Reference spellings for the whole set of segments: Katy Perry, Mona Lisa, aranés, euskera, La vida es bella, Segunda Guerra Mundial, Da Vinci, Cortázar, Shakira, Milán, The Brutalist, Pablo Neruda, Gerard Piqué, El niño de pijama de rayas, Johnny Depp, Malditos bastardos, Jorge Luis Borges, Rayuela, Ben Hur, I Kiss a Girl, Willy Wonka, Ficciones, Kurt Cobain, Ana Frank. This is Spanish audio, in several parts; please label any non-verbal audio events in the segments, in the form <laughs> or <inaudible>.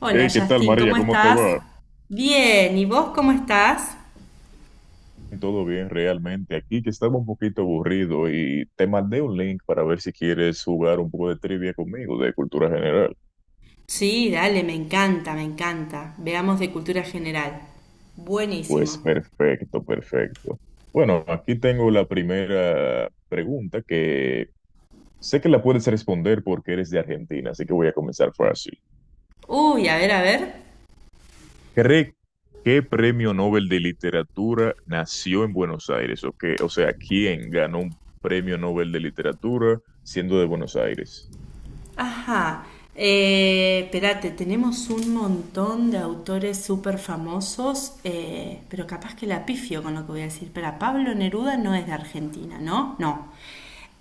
Hola Hey, ¿qué tal, Justin, María? ¿cómo ¿Cómo te estás? va? Bien, ¿y vos cómo estás? Todo bien, realmente. Aquí que estaba un poquito aburrido y te mandé un link para ver si quieres jugar un poco de trivia conmigo de cultura general. Sí, dale, me encanta, me encanta. Veamos de cultura general. Pues Buenísimo. perfecto, perfecto. Bueno, aquí tengo la primera pregunta que sé que la puedes responder porque eres de Argentina, así que voy a comenzar fácil. Uy, a ver, a ver. ¿Cree qué premio Nobel de literatura nació en Buenos Aires? ¿O qué? O sea, ¿quién ganó un premio Nobel de literatura siendo de Buenos Aires? Ajá. Espérate, tenemos un montón de autores súper famosos, pero capaz que la pifio con lo que voy a decir. Pero Pablo Neruda no es de Argentina, ¿no? No.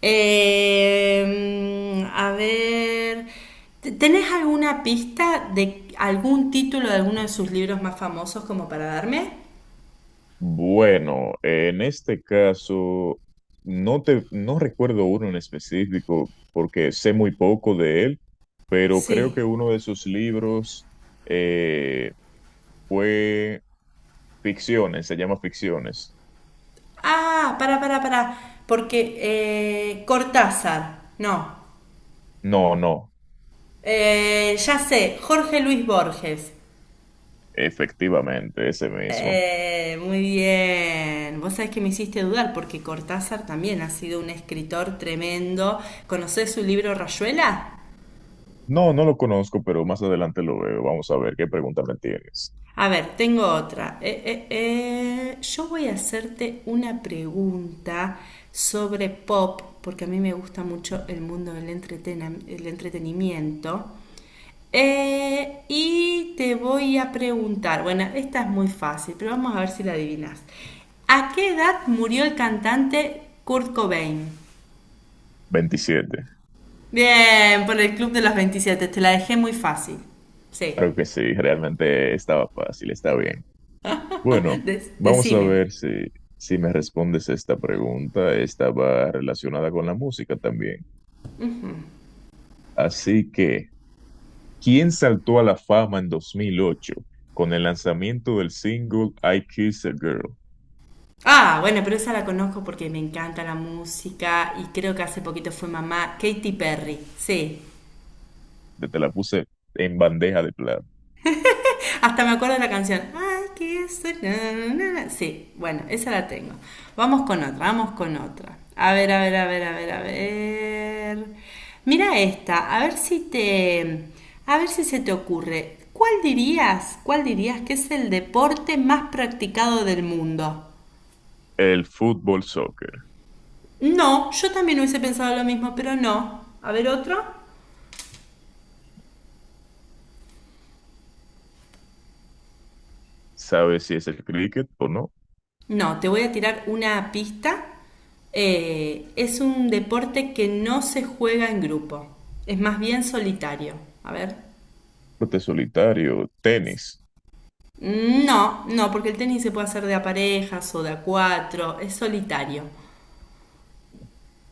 A ver, ¿tenés alguna pista de algún título de alguno de sus libros más famosos como para darme? Bueno, en este caso, no recuerdo uno en específico porque sé muy poco de él, pero creo Sí. que uno de sus libros eh, fue Ficciones, se llama Ficciones. Ah, para, para. Porque Cortázar, no. No, no, Ya sé, Jorge Luis Borges. efectivamente, ese mismo. Muy bien. Vos sabés que me hiciste dudar porque Cortázar también ha sido un escritor tremendo. ¿Conocés su libro Rayuela? No, no lo conozco, pero más adelante lo veo. Vamos a ver qué pregunta me tienes. A ver, tengo otra. Yo voy a hacerte una pregunta sobre pop, porque a mí me gusta mucho el mundo del entretena- el entretenimiento. Y te voy a preguntar, bueno, esta es muy fácil, pero vamos a ver si la adivinas. ¿A qué edad murió el cantante Kurt Cobain? Veintisiete. Bien, por el Club de los 27. Te la dejé muy fácil. Sí, Claro que sí, realmente estaba fácil, está bien. Bueno, vamos a decime. ver si me respondes esta pregunta. Esta va relacionada con la música también. Así que, ¿quién saltó a la fama en 2008 con el lanzamiento del single I Kiss a Girl? Ah, bueno, pero esa la conozco porque me encanta la música y creo que hace poquito fue mamá Katy Perry, sí. Que te la puse en bandeja de plata. Hasta me acuerdo de la canción. Ay, que eso, na, na, na. Sí, bueno, esa la tengo. Vamos con otra, vamos con otra. A ver, a ver, a ver, a ver, a ver. Mira esta, a ver si se te ocurre. ¿Cuál dirías que es el deporte más practicado del mundo? El fútbol soccer. No, yo también hubiese pensado lo mismo, pero no. A ver otro. ¿Sabes si es el cricket o no? No, te voy a tirar una pista. Es un deporte que no se juega en grupo. Es más bien solitario. A ver. Deporte solitario, tenis. No, no, porque el tenis se puede hacer de a parejas o de a cuatro. Es solitario.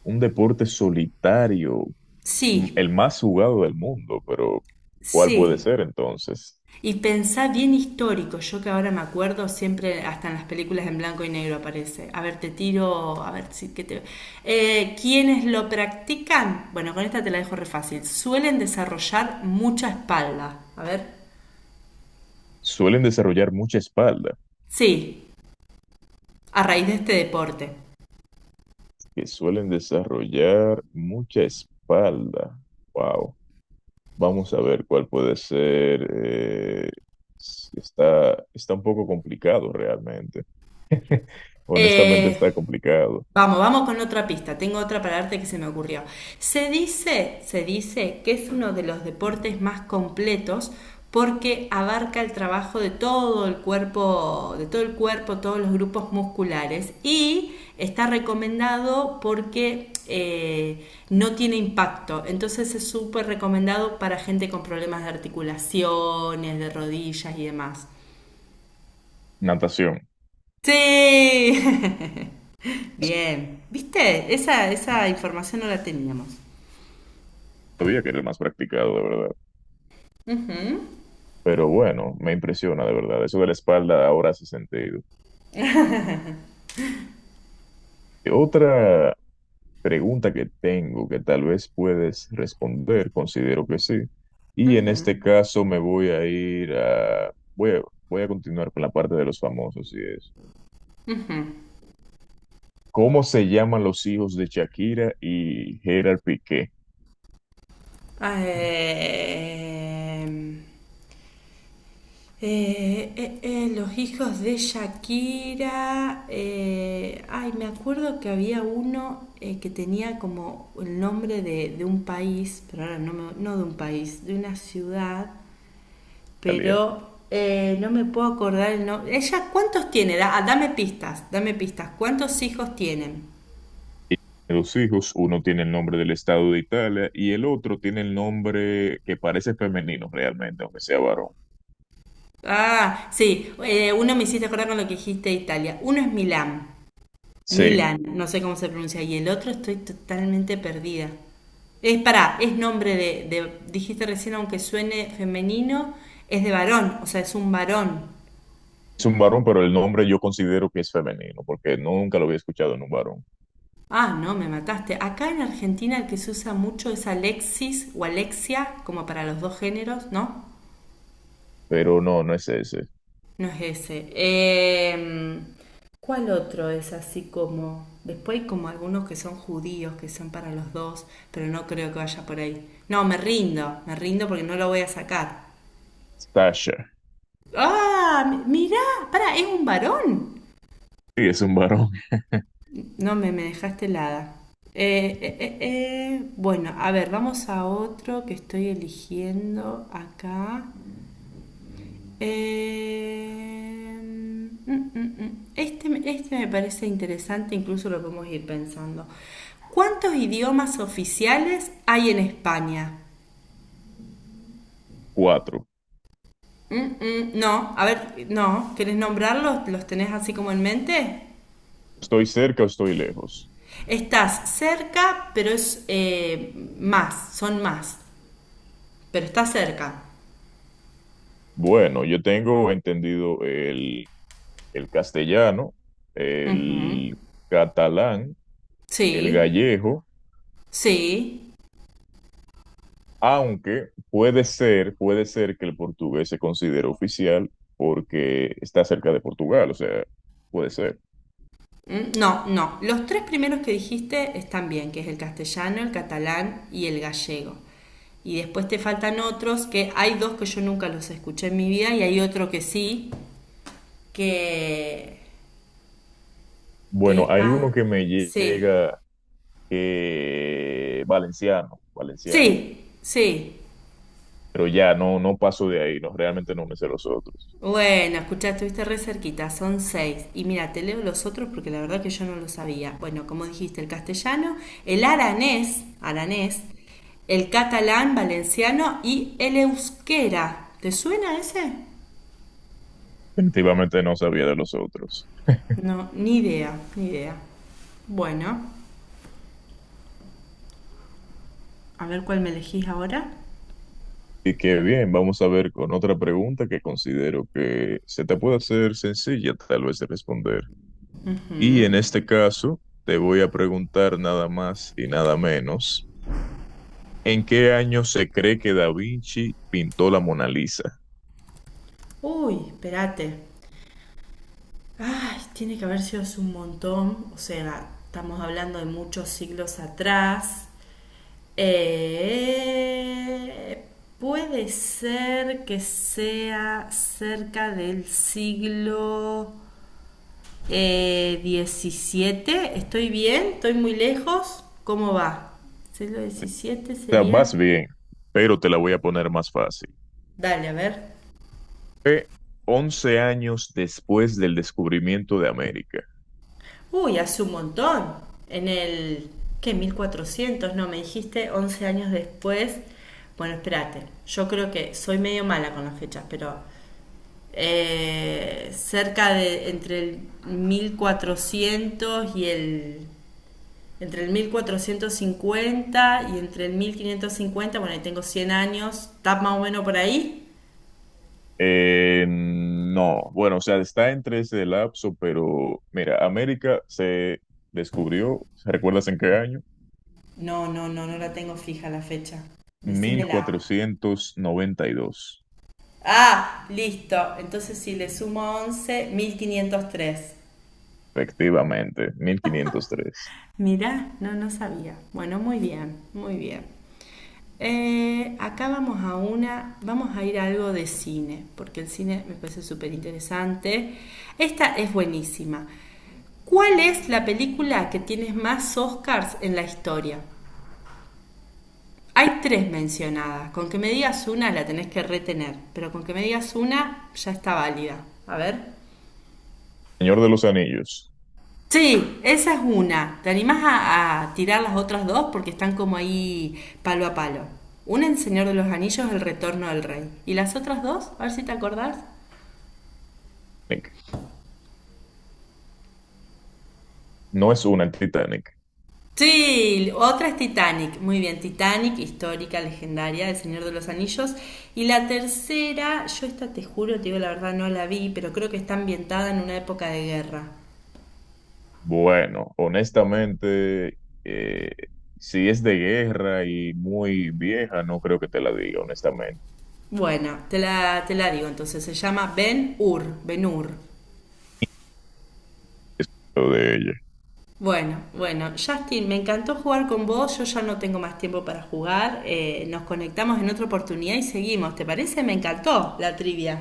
Un deporte solitario, Sí, el más jugado del mundo, pero ¿cuál puede ser sí. entonces? Y pensá bien histórico, yo que ahora me acuerdo siempre, hasta en las películas en blanco y negro aparece. A ver, te tiro, a ver si que te. Quienes lo practican, bueno, con esta te la dejo re fácil, suelen desarrollar mucha espalda. A ver. Suelen desarrollar mucha espalda, Sí, a raíz de este deporte. que suelen desarrollar mucha espalda. Wow. Vamos a ver cuál puede ser. Está, está un poco complicado realmente. <laughs> Honestamente Eh, está complicado. Vamos, vamos con otra pista. Tengo otra para darte que se me ocurrió. Se dice que es uno de los deportes más completos porque abarca el trabajo de todo el cuerpo, de todo el cuerpo, todos los grupos musculares y está recomendado porque no tiene impacto. Entonces es súper recomendado para gente con problemas de articulaciones, de rodillas y demás. Natación. Sí. <laughs> Bien, ¿viste? Esa información no la teníamos. Sabía que era el más practicado, de verdad. Pero bueno, me impresiona, de verdad. Eso de la espalda ahora hace sentido. Otra pregunta que tengo que tal vez puedes responder, considero que sí. Y en este caso me voy a ir a... voy a continuar con la parte de los famosos y eso. ¿Cómo se llaman los hijos de Shakira y Gerard Piqué? Eh, los hijos de Shakira. Ay, me acuerdo que había uno que tenía como el nombre de un país, pero ahora no, no de un país, de una ciudad, Italia. pero no me puedo acordar el nombre. ¿Ella cuántos tiene? Ah, dame pistas, dame pistas. ¿Cuántos hijos tienen? Y los hijos, uno tiene el nombre del estado de Italia y el otro tiene el nombre que parece femenino realmente, aunque sea varón. Ah, sí, uno me hiciste acordar con lo que dijiste de Italia. Uno es Milán, Sí, Milán, no sé cómo se pronuncia, y el otro estoy totalmente perdida. Es para, es nombre de, dijiste recién, aunque suene femenino, es de varón, o sea, es un varón. es un varón, pero el nombre yo considero que es femenino, porque nunca lo había escuchado en un varón. Ah, no, me mataste. Acá en Argentina el que se usa mucho es Alexis o Alexia, como para los dos géneros, ¿no? Pero no, no es ese. No es ese. ¿Cuál otro es así como, después hay como algunos que son judíos, que son para los dos, pero no creo que vaya por ahí. No, me rindo porque no lo voy a sacar. Sasha, ¡Ah! Mirá, para, es un varón. y es un varón. No, me dejaste helada. Bueno, a ver, vamos a otro que estoy eligiendo acá. Mm. Este me parece interesante, incluso lo podemos ir pensando. ¿Cuántos idiomas oficiales hay en España? Cuatro. No, a ver, no, ¿querés nombrarlos? ¿Los tenés así como en mente? ¿Estoy cerca o estoy lejos? Estás cerca, pero es más, son más, pero está cerca. Bueno, yo tengo entendido el castellano, Ujú. el catalán, el Sí, gallego, sí. aunque puede ser que el portugués se considere oficial porque está cerca de Portugal, o sea, puede ser. ¿Mm? No, no. Los tres primeros que dijiste están bien, que es el castellano, el catalán y el gallego. Y después te faltan otros, que hay dos que yo nunca los escuché en mi vida y hay otro que sí, que, que Bueno, es hay más. uno que me Sí, llega valenciano, valenciano, sí, sí. pero ya no, no paso de ahí, no, realmente no me sé los otros. Bueno, escucha, estuviste re cerquita, son seis. Y mira, te leo los otros porque la verdad que yo no lo sabía. Bueno, como dijiste, el castellano, el aranés, aranés, el catalán, valenciano y el euskera. ¿Te suena ese? Definitivamente no sabía de los otros. No, ni idea, ni idea. Bueno, a ver cuál me elegís ahora. Y que bien, vamos a ver con otra pregunta que considero que se te puede hacer sencilla tal vez de responder. Y en este caso, te voy a preguntar nada más y nada menos, ¿en qué año se cree que Da Vinci pintó la Mona Lisa? Uy, espérate. Ay, tiene que haber sido hace un montón. O sea, estamos hablando de muchos siglos atrás. Eh, puede ser que sea cerca del siglo XVII. ¿Estoy bien? ¿Estoy muy lejos? ¿Cómo va? ¿Siglo XVII O sea, vas sería? bien, pero te la voy a poner más fácil. Dale, a ver. Fue 11 años después del descubrimiento de América. Uy, hace un montón. En el, ¿qué? 1400, no, me dijiste 11 años después. Bueno, espérate. Yo creo que soy medio mala con las fechas, pero cerca de entre el 1400 y el entre el 1450 y entre el 1550. Bueno, ahí tengo 100 años, está más o menos por ahí. No, bueno, o sea, está entre ese lapso, pero mira, América se descubrió, ¿recuerdas en qué año? No, no, no, no la tengo fija la fecha. Mil Decímela. cuatrocientos noventa y dos, Ah, listo. Entonces si le sumo 11, 1503. efectivamente, 1503. Mirá, no, no sabía. Bueno, muy bien, muy bien. Acá vamos a una, vamos a ir a algo de cine, porque el cine me parece súper interesante. Esta es buenísima. ¿Cuál es la película que tiene más Oscars en la historia? Hay tres mencionadas. Con que me digas una la tenés que retener, pero con que me digas una ya está válida. A ver. Señor de los Anillos, Sí, esa es una. ¿Te animás a tirar las otras dos? Porque están como ahí palo a palo. Una en Señor de los Anillos, El Retorno del Rey. ¿Y las otras dos? A ver si te acordás. Nick, no es una, el Titanic. Sí, otra es Titanic. Muy bien, Titanic, histórica, legendaria, El Señor de los Anillos. Y la tercera, yo esta te juro, te digo la verdad, no la vi, pero creo que está ambientada en una época de guerra. Bueno, honestamente, eh, si es de guerra y muy vieja, no creo que te la diga, honestamente, Bueno, te la digo entonces. Se llama Ben Hur. Ben Hur. es lo de ella. Bueno, bueno, Justin, me encantó jugar con vos, yo ya no tengo más tiempo para jugar, nos conectamos en otra oportunidad y seguimos, ¿te parece? Me encantó la trivia.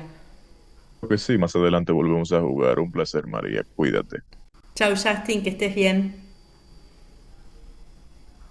Creo que sí, más adelante volvemos a jugar. Un placer, María, cuídate. Chau Justin, que estés bien.